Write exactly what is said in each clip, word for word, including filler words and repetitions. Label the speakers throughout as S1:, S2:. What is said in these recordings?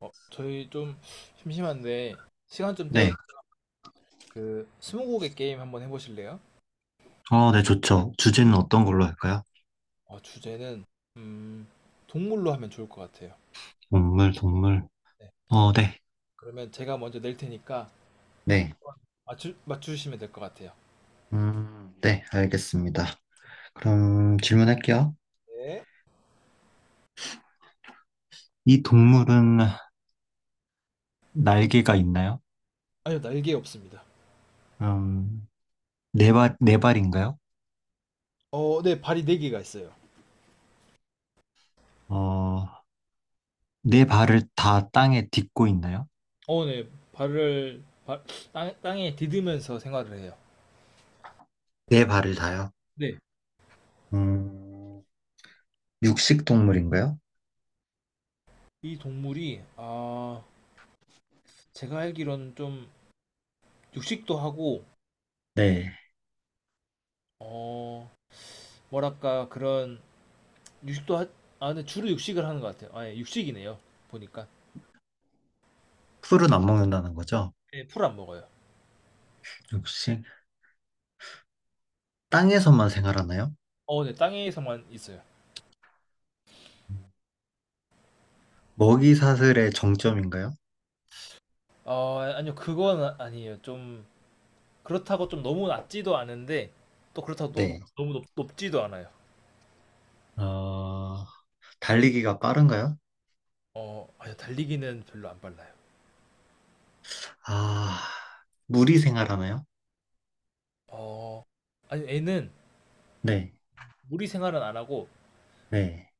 S1: 어, 저희 좀 심심한데 시간 좀 때울
S2: 네,
S1: 그 스무고개 게임 한번 해보실래요?
S2: 어, 네, 좋죠. 주제는 어떤 걸로 할까요?
S1: 어, 주제는 음, 동물로 하면 좋을 것 같아요.
S2: 동물, 동물.
S1: 네.
S2: 어, 네.
S1: 그러면 제가 먼저 낼 테니까
S2: 네.
S1: 맞추, 맞추시면 될 것 같아요.
S2: 음, 네, 알겠습니다. 그럼 질문할게요.
S1: 네.
S2: 이 동물은 날개가 있나요?
S1: 아니요, 날개 없습니다.
S2: 음, 네 발, 네 발인가요?
S1: 어, 네, 발이 네 개가 있어요.
S2: 어, 네 발을 다 땅에 딛고 있나요?
S1: 어, 네, 발을 발, 땅, 땅에 디디면서 생활을 해요.
S2: 네 발을 다요.
S1: 네,
S2: 음, 육식 동물인가요?
S1: 이 동물이 아, 제가 알기로는 좀 육식도 하고
S2: 네.
S1: 어, 뭐랄까 그런 육식도 하, 아 근데 주로 육식을 하는 것 같아요. 아예 육식이네요. 보니까
S2: 풀은 안 먹는다는 거죠?
S1: 예, 풀안 먹어요.
S2: 육식. 땅에서만 생활하나요?
S1: 어, 네 땅에서만 있어요.
S2: 먹이 사슬의 정점인가요?
S1: 어, 아니요 그건 아- 아니에요. 좀 그렇다고 좀 너무 낮지도 않은데 또 그렇다고 또
S2: 네.
S1: 너무 높, 높지도 않아요.
S2: 어, 달리기가 빠른가요?
S1: 어, 아니요 달리기는 별로 안 빨라요.
S2: 아, 무리 생활하나요?
S1: 어, 아니 애는
S2: 네,
S1: 무리 생활은 안 하고
S2: 네,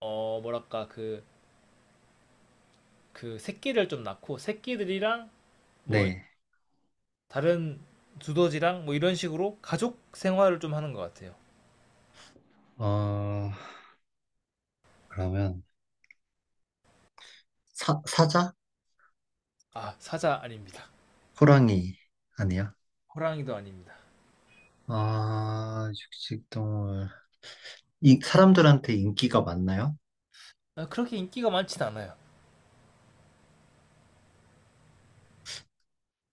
S1: 어 뭐랄까 그 그 새끼를 좀 낳고 새끼들이랑 뭐
S2: 네.
S1: 다른 두더지랑 뭐 이런 식으로 가족 생활을 좀 하는 것 같아요.
S2: 어, 그러면 사, 사자?
S1: 아 사자 아닙니다.
S2: 호랑이 아니야?
S1: 호랑이도 아닙니다.
S2: 아, 육식동물. 이 사람들한테 인기가 많나요?
S1: 아, 그렇게 인기가 많진 않아요.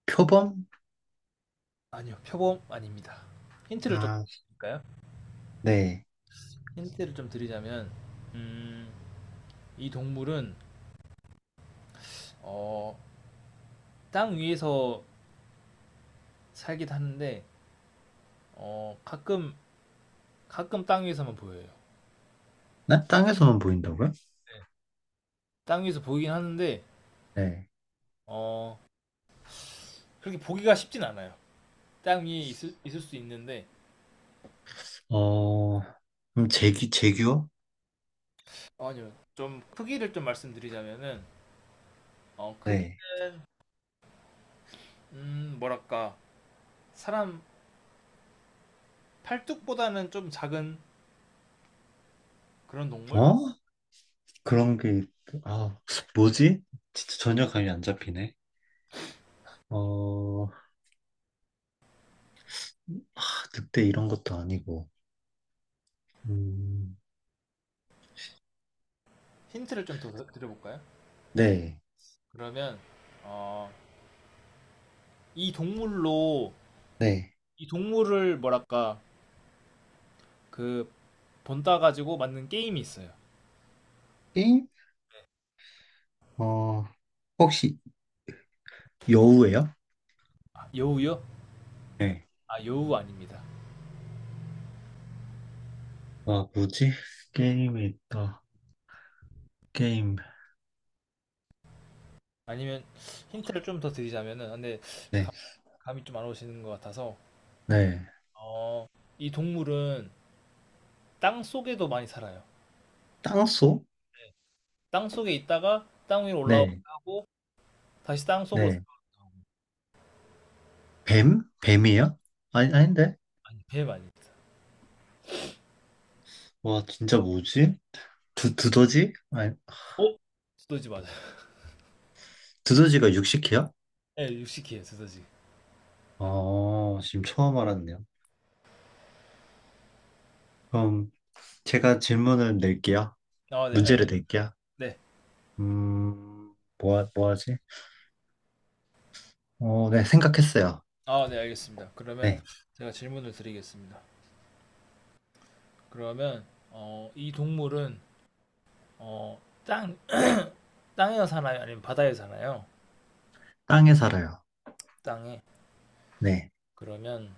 S2: 표범?
S1: 아니요, 표범 아닙니다. 힌트를 좀
S2: 아,
S1: 드릴까요?
S2: 네.
S1: 힌트를 좀 드리자면, 음, 이 동물은 어, 땅 위에서 살기도 하는데 어, 가끔 가끔 땅 위에서만 보여요.
S2: 나 땅에서만 보인다고요?
S1: 네. 땅 위에서 보이긴 하는데
S2: 네.
S1: 어, 그렇게 보기가 쉽진 않아요. 땅 위에 있을, 있을 수 있는데
S2: 어, 그럼 제기, 제규어?
S1: 어, 아니요, 좀 크기를 좀 말씀드리자면은 어,
S2: 네.
S1: 크기는 음, 뭐랄까 사람 팔뚝보다는 좀 작은 그런 동물?
S2: 어? 그런 게, 있- 아, 뭐지? 진짜 전혀 감이 안 잡히네. 어, 아, 늑대 이런 것도 아니고. 음,
S1: 힌트를 좀 더 드려볼까요?
S2: 네,
S1: 그러면 어, 이 동물로
S2: 네.
S1: 이 동물을 뭐랄까 그 본따 가지고 만든 게임이 있어요.
S2: 게임? 어, 혹시 여우예요?
S1: 아, 여우요?
S2: 네.
S1: 아 여우 아닙니다.
S2: 아, 뭐지? 게임이 있다. 게임.
S1: 아니면 힌트를 좀 더 드리자면은 근데
S2: 네,
S1: 감, 감이 좀 안 오시는 것 같아서
S2: 네.
S1: 어, 이 동물은 땅 속에도 많이 살아요.
S2: 땅소?
S1: 땅 속에 있다가 땅 위로 올라오기도
S2: 네,
S1: 하고 다시 땅 속으로
S2: 네.
S1: 들어가기도 하고
S2: 뱀? 뱀이에요? 아니, 아닌데?
S1: 아니 뱀 아닙니다.
S2: 와, 진짜 뭐지? 두, 두더지? 아니,
S1: 어? 두더지 맞아요.
S2: 두더지가 육식해요?
S1: 네 육식이에요 두더지.
S2: 아 지금 처음 알았네요. 그럼 제가 질문을 낼게요.
S1: 아 네,
S2: 문제를
S1: 알
S2: 낼게요.
S1: 네
S2: 음, 뭐, 하- 뭐 하지? 어, 네, 생각했어요.
S1: 아, 네, 알겠습니다. 그러면
S2: 네.
S1: 제가 질문을 드리겠습니다. 그러면 어, 이 동물은 어, 땅 땅에 사나요? 아니면 바다에 사나요?
S2: 땅에 살아요.
S1: 땅에.
S2: 네.
S1: 그러면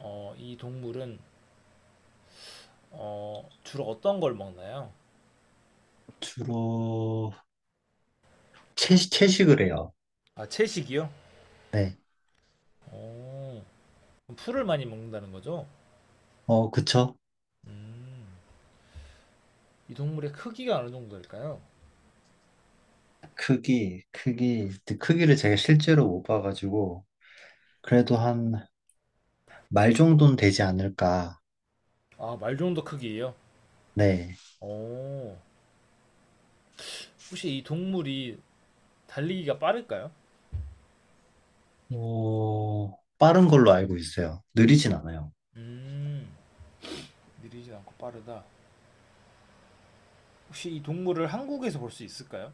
S1: 어, 이 동물은 어, 주로 어떤 걸 먹나요?
S2: 주로 채식, 채식을 해요.
S1: 아, 채식이요?
S2: 네.
S1: 오, 그럼 풀을 많이 먹는다는 거죠?
S2: 어, 그쵸?
S1: 음, 이 동물의 크기가 어느 정도일까요?
S2: 크기, 크기, 근데 크기를 제가 실제로 못 봐가지고, 그래도 한 말 정도는 되지 않을까.
S1: 아, 말 정도 크기예요?
S2: 네.
S1: 오, 혹시 이 동물이 달리기가 빠를까요?
S2: 어, 빠른 걸로 알고 있어요. 느리진 않아요.
S1: 음, 느리지 않고 빠르다. 혹시 이 동물을 한국에서 볼 수 있을까요?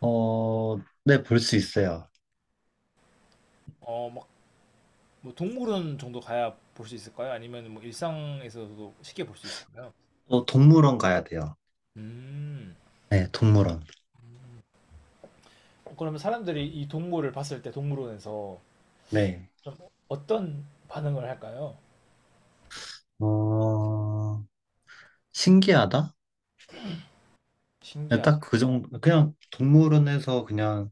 S2: 어, 네, 볼 수 있어요.
S1: 어, 막, 뭐 동물원 정도 가야 볼 수 있을까요? 아니면 뭐 일상에서도 쉽게 볼 수 있을까요?
S2: 또 동물원 가야 돼요.
S1: 음,
S2: 네, 동물원.
S1: 그러면 사람들이 이 동물을 봤을 때 동물원에서
S2: 네.
S1: 좀 어떤 반응을 할까요?
S2: 어, 신기하다? 네,
S1: 신기한.
S2: 딱그 정도, 그냥 동물원에서 그냥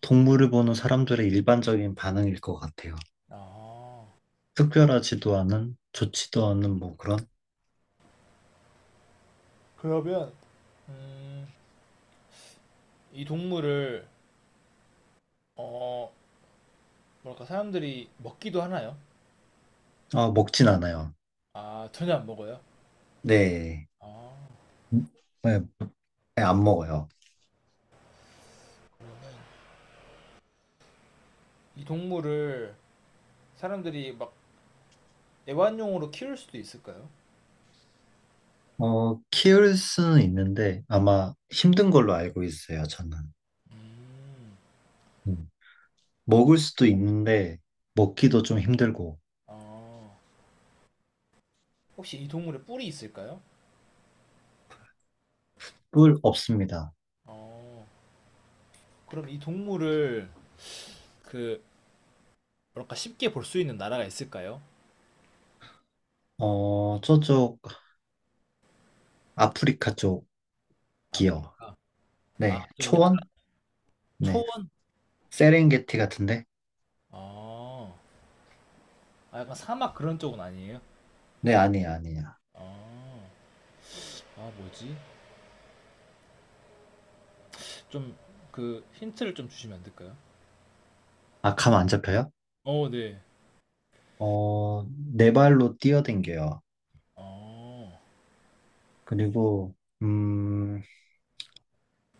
S2: 동물을 보는 사람들의 일반적인 반응일 것 같아요.
S1: 아,
S2: 특별하지도 않은, 좋지도 않은 뭐 그런,
S1: 그러면, 음, 이 동물을, 어, 뭐랄까, 사람들이 먹기도 하나요?
S2: 아, 먹진 않아요.
S1: 아, 전혀 안 먹어요?
S2: 네.
S1: 아,
S2: 음, 네, 네, 안 먹어요.
S1: 이 동물을 사람들이 막 애완용으로 키울 수도 있을까요?
S2: 어, 키울 수는 있는데 아마 힘든 걸로 알고 있어요, 저는.
S1: 음.
S2: 음.
S1: 어,
S2: 먹을 수도 있는데 먹기도 좀 힘들고
S1: 어, 혹시 이 동물에 뿔이 있을까요?
S2: 뿔 없습니다.
S1: 어, 그럼 이 동물을 그 뭐랄까 쉽게 볼 수 있는 나라가 있을까요?
S2: 어, 저쪽 아프리카 쪽이요.
S1: 아프리카. 아,
S2: 네,
S1: 좀 약간
S2: 초원? 네,
S1: 초원?
S2: 세렝게티 같은데?
S1: 아... 아, 약간 사막 그런 쪽은 아니에요?
S2: 네, 아니에요, 아니에요.
S1: 아... 아, 뭐지? 좀 그 힌트를 좀 주시면 안 될까요?
S2: 아, 감 안 잡혀요?
S1: 어, 네.
S2: 어, 네 발로 뛰어댕겨요.
S1: 어,
S2: 그리고, 음,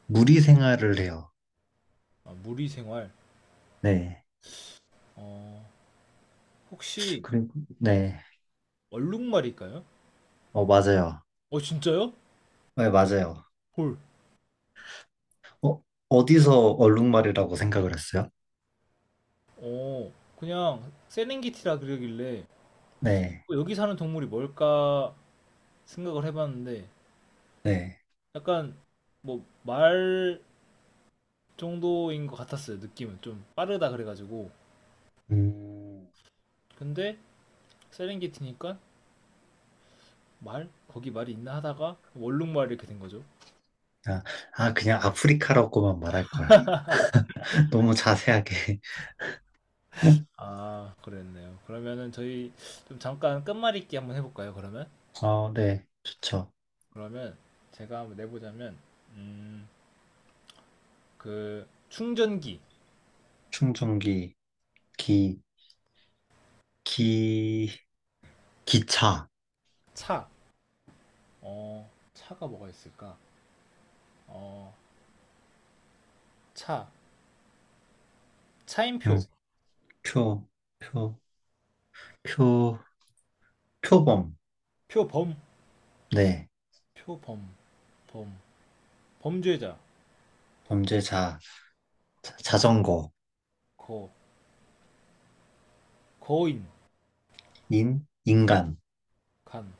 S2: 무리 생활을 해요.
S1: 아, 무리 생활.
S2: 네.
S1: 어, 혹시
S2: 그리고, 네.
S1: 얼룩말일까요?
S2: 어, 맞아요.
S1: 어, 진짜요?
S2: 네, 맞아요.
S1: 헐.
S2: 어, 어디서 얼룩말이라고 생각을 했어요?
S1: 어, 그냥 세렝게티라 그러길래
S2: 네.
S1: 어, 여기 사는 동물이 뭘까 생각을 해봤는데
S2: 네.
S1: 약간 뭐 말 정도인 것 같았어요. 느낌은 좀 빠르다 그래가지고
S2: 음,
S1: 근데 세렝게티니까 말 거기 말이 있나 하다가 원룸말 이렇게 된 거죠.
S2: 아, 아, 그냥 아프리카라고만 말할 걸. 너무 자세하게.
S1: 아 그랬네요. 그러면은 저희 좀 잠깐 끝말잇기 한번 해볼까요? 그러면
S2: 어, 네. 좋죠.
S1: 그러면 제가 한번 내보자면 음, 그 충전기
S2: 충전기, 기, 기, 기차.
S1: 차 어, 차가 뭐가 있을까? 어, 차
S2: 음,
S1: 차임표
S2: 표, 표, 표, 표범.
S1: 표범
S2: 네.
S1: 표범 범 범죄자
S2: 범죄자. 자- 자전거,
S1: 거 거인
S2: 인, 인간.
S1: 간.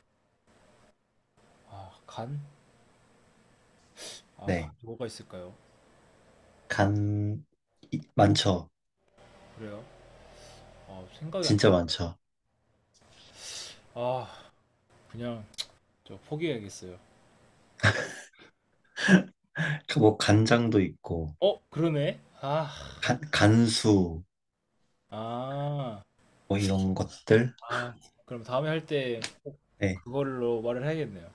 S1: 아, 간? 아, 간
S2: 네.
S1: 뭐가 있을까요?
S2: 간, 이- 많죠.
S1: 그래요? 아, 생각이 안 나.
S2: 진짜 많죠.
S1: 아, 그냥 저 포기해야겠어요.
S2: 그뭐 간장도 있고,
S1: 어, 그러네. 아,
S2: 간, 간수,
S1: 아,
S2: 뭐 이런 것들.
S1: 아. 그럼 다음에 할 때
S2: 네.
S1: 그걸로 말을 해야겠네요.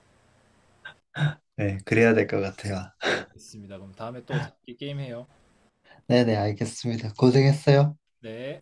S2: 네.
S1: 알겠-
S2: 그래야 될 것 같아요.
S1: 네, 알겠습니다. 그럼 다음에 또 재밌게 게임해요.
S2: 네네, 알겠습니다. 고생했어요.
S1: 네.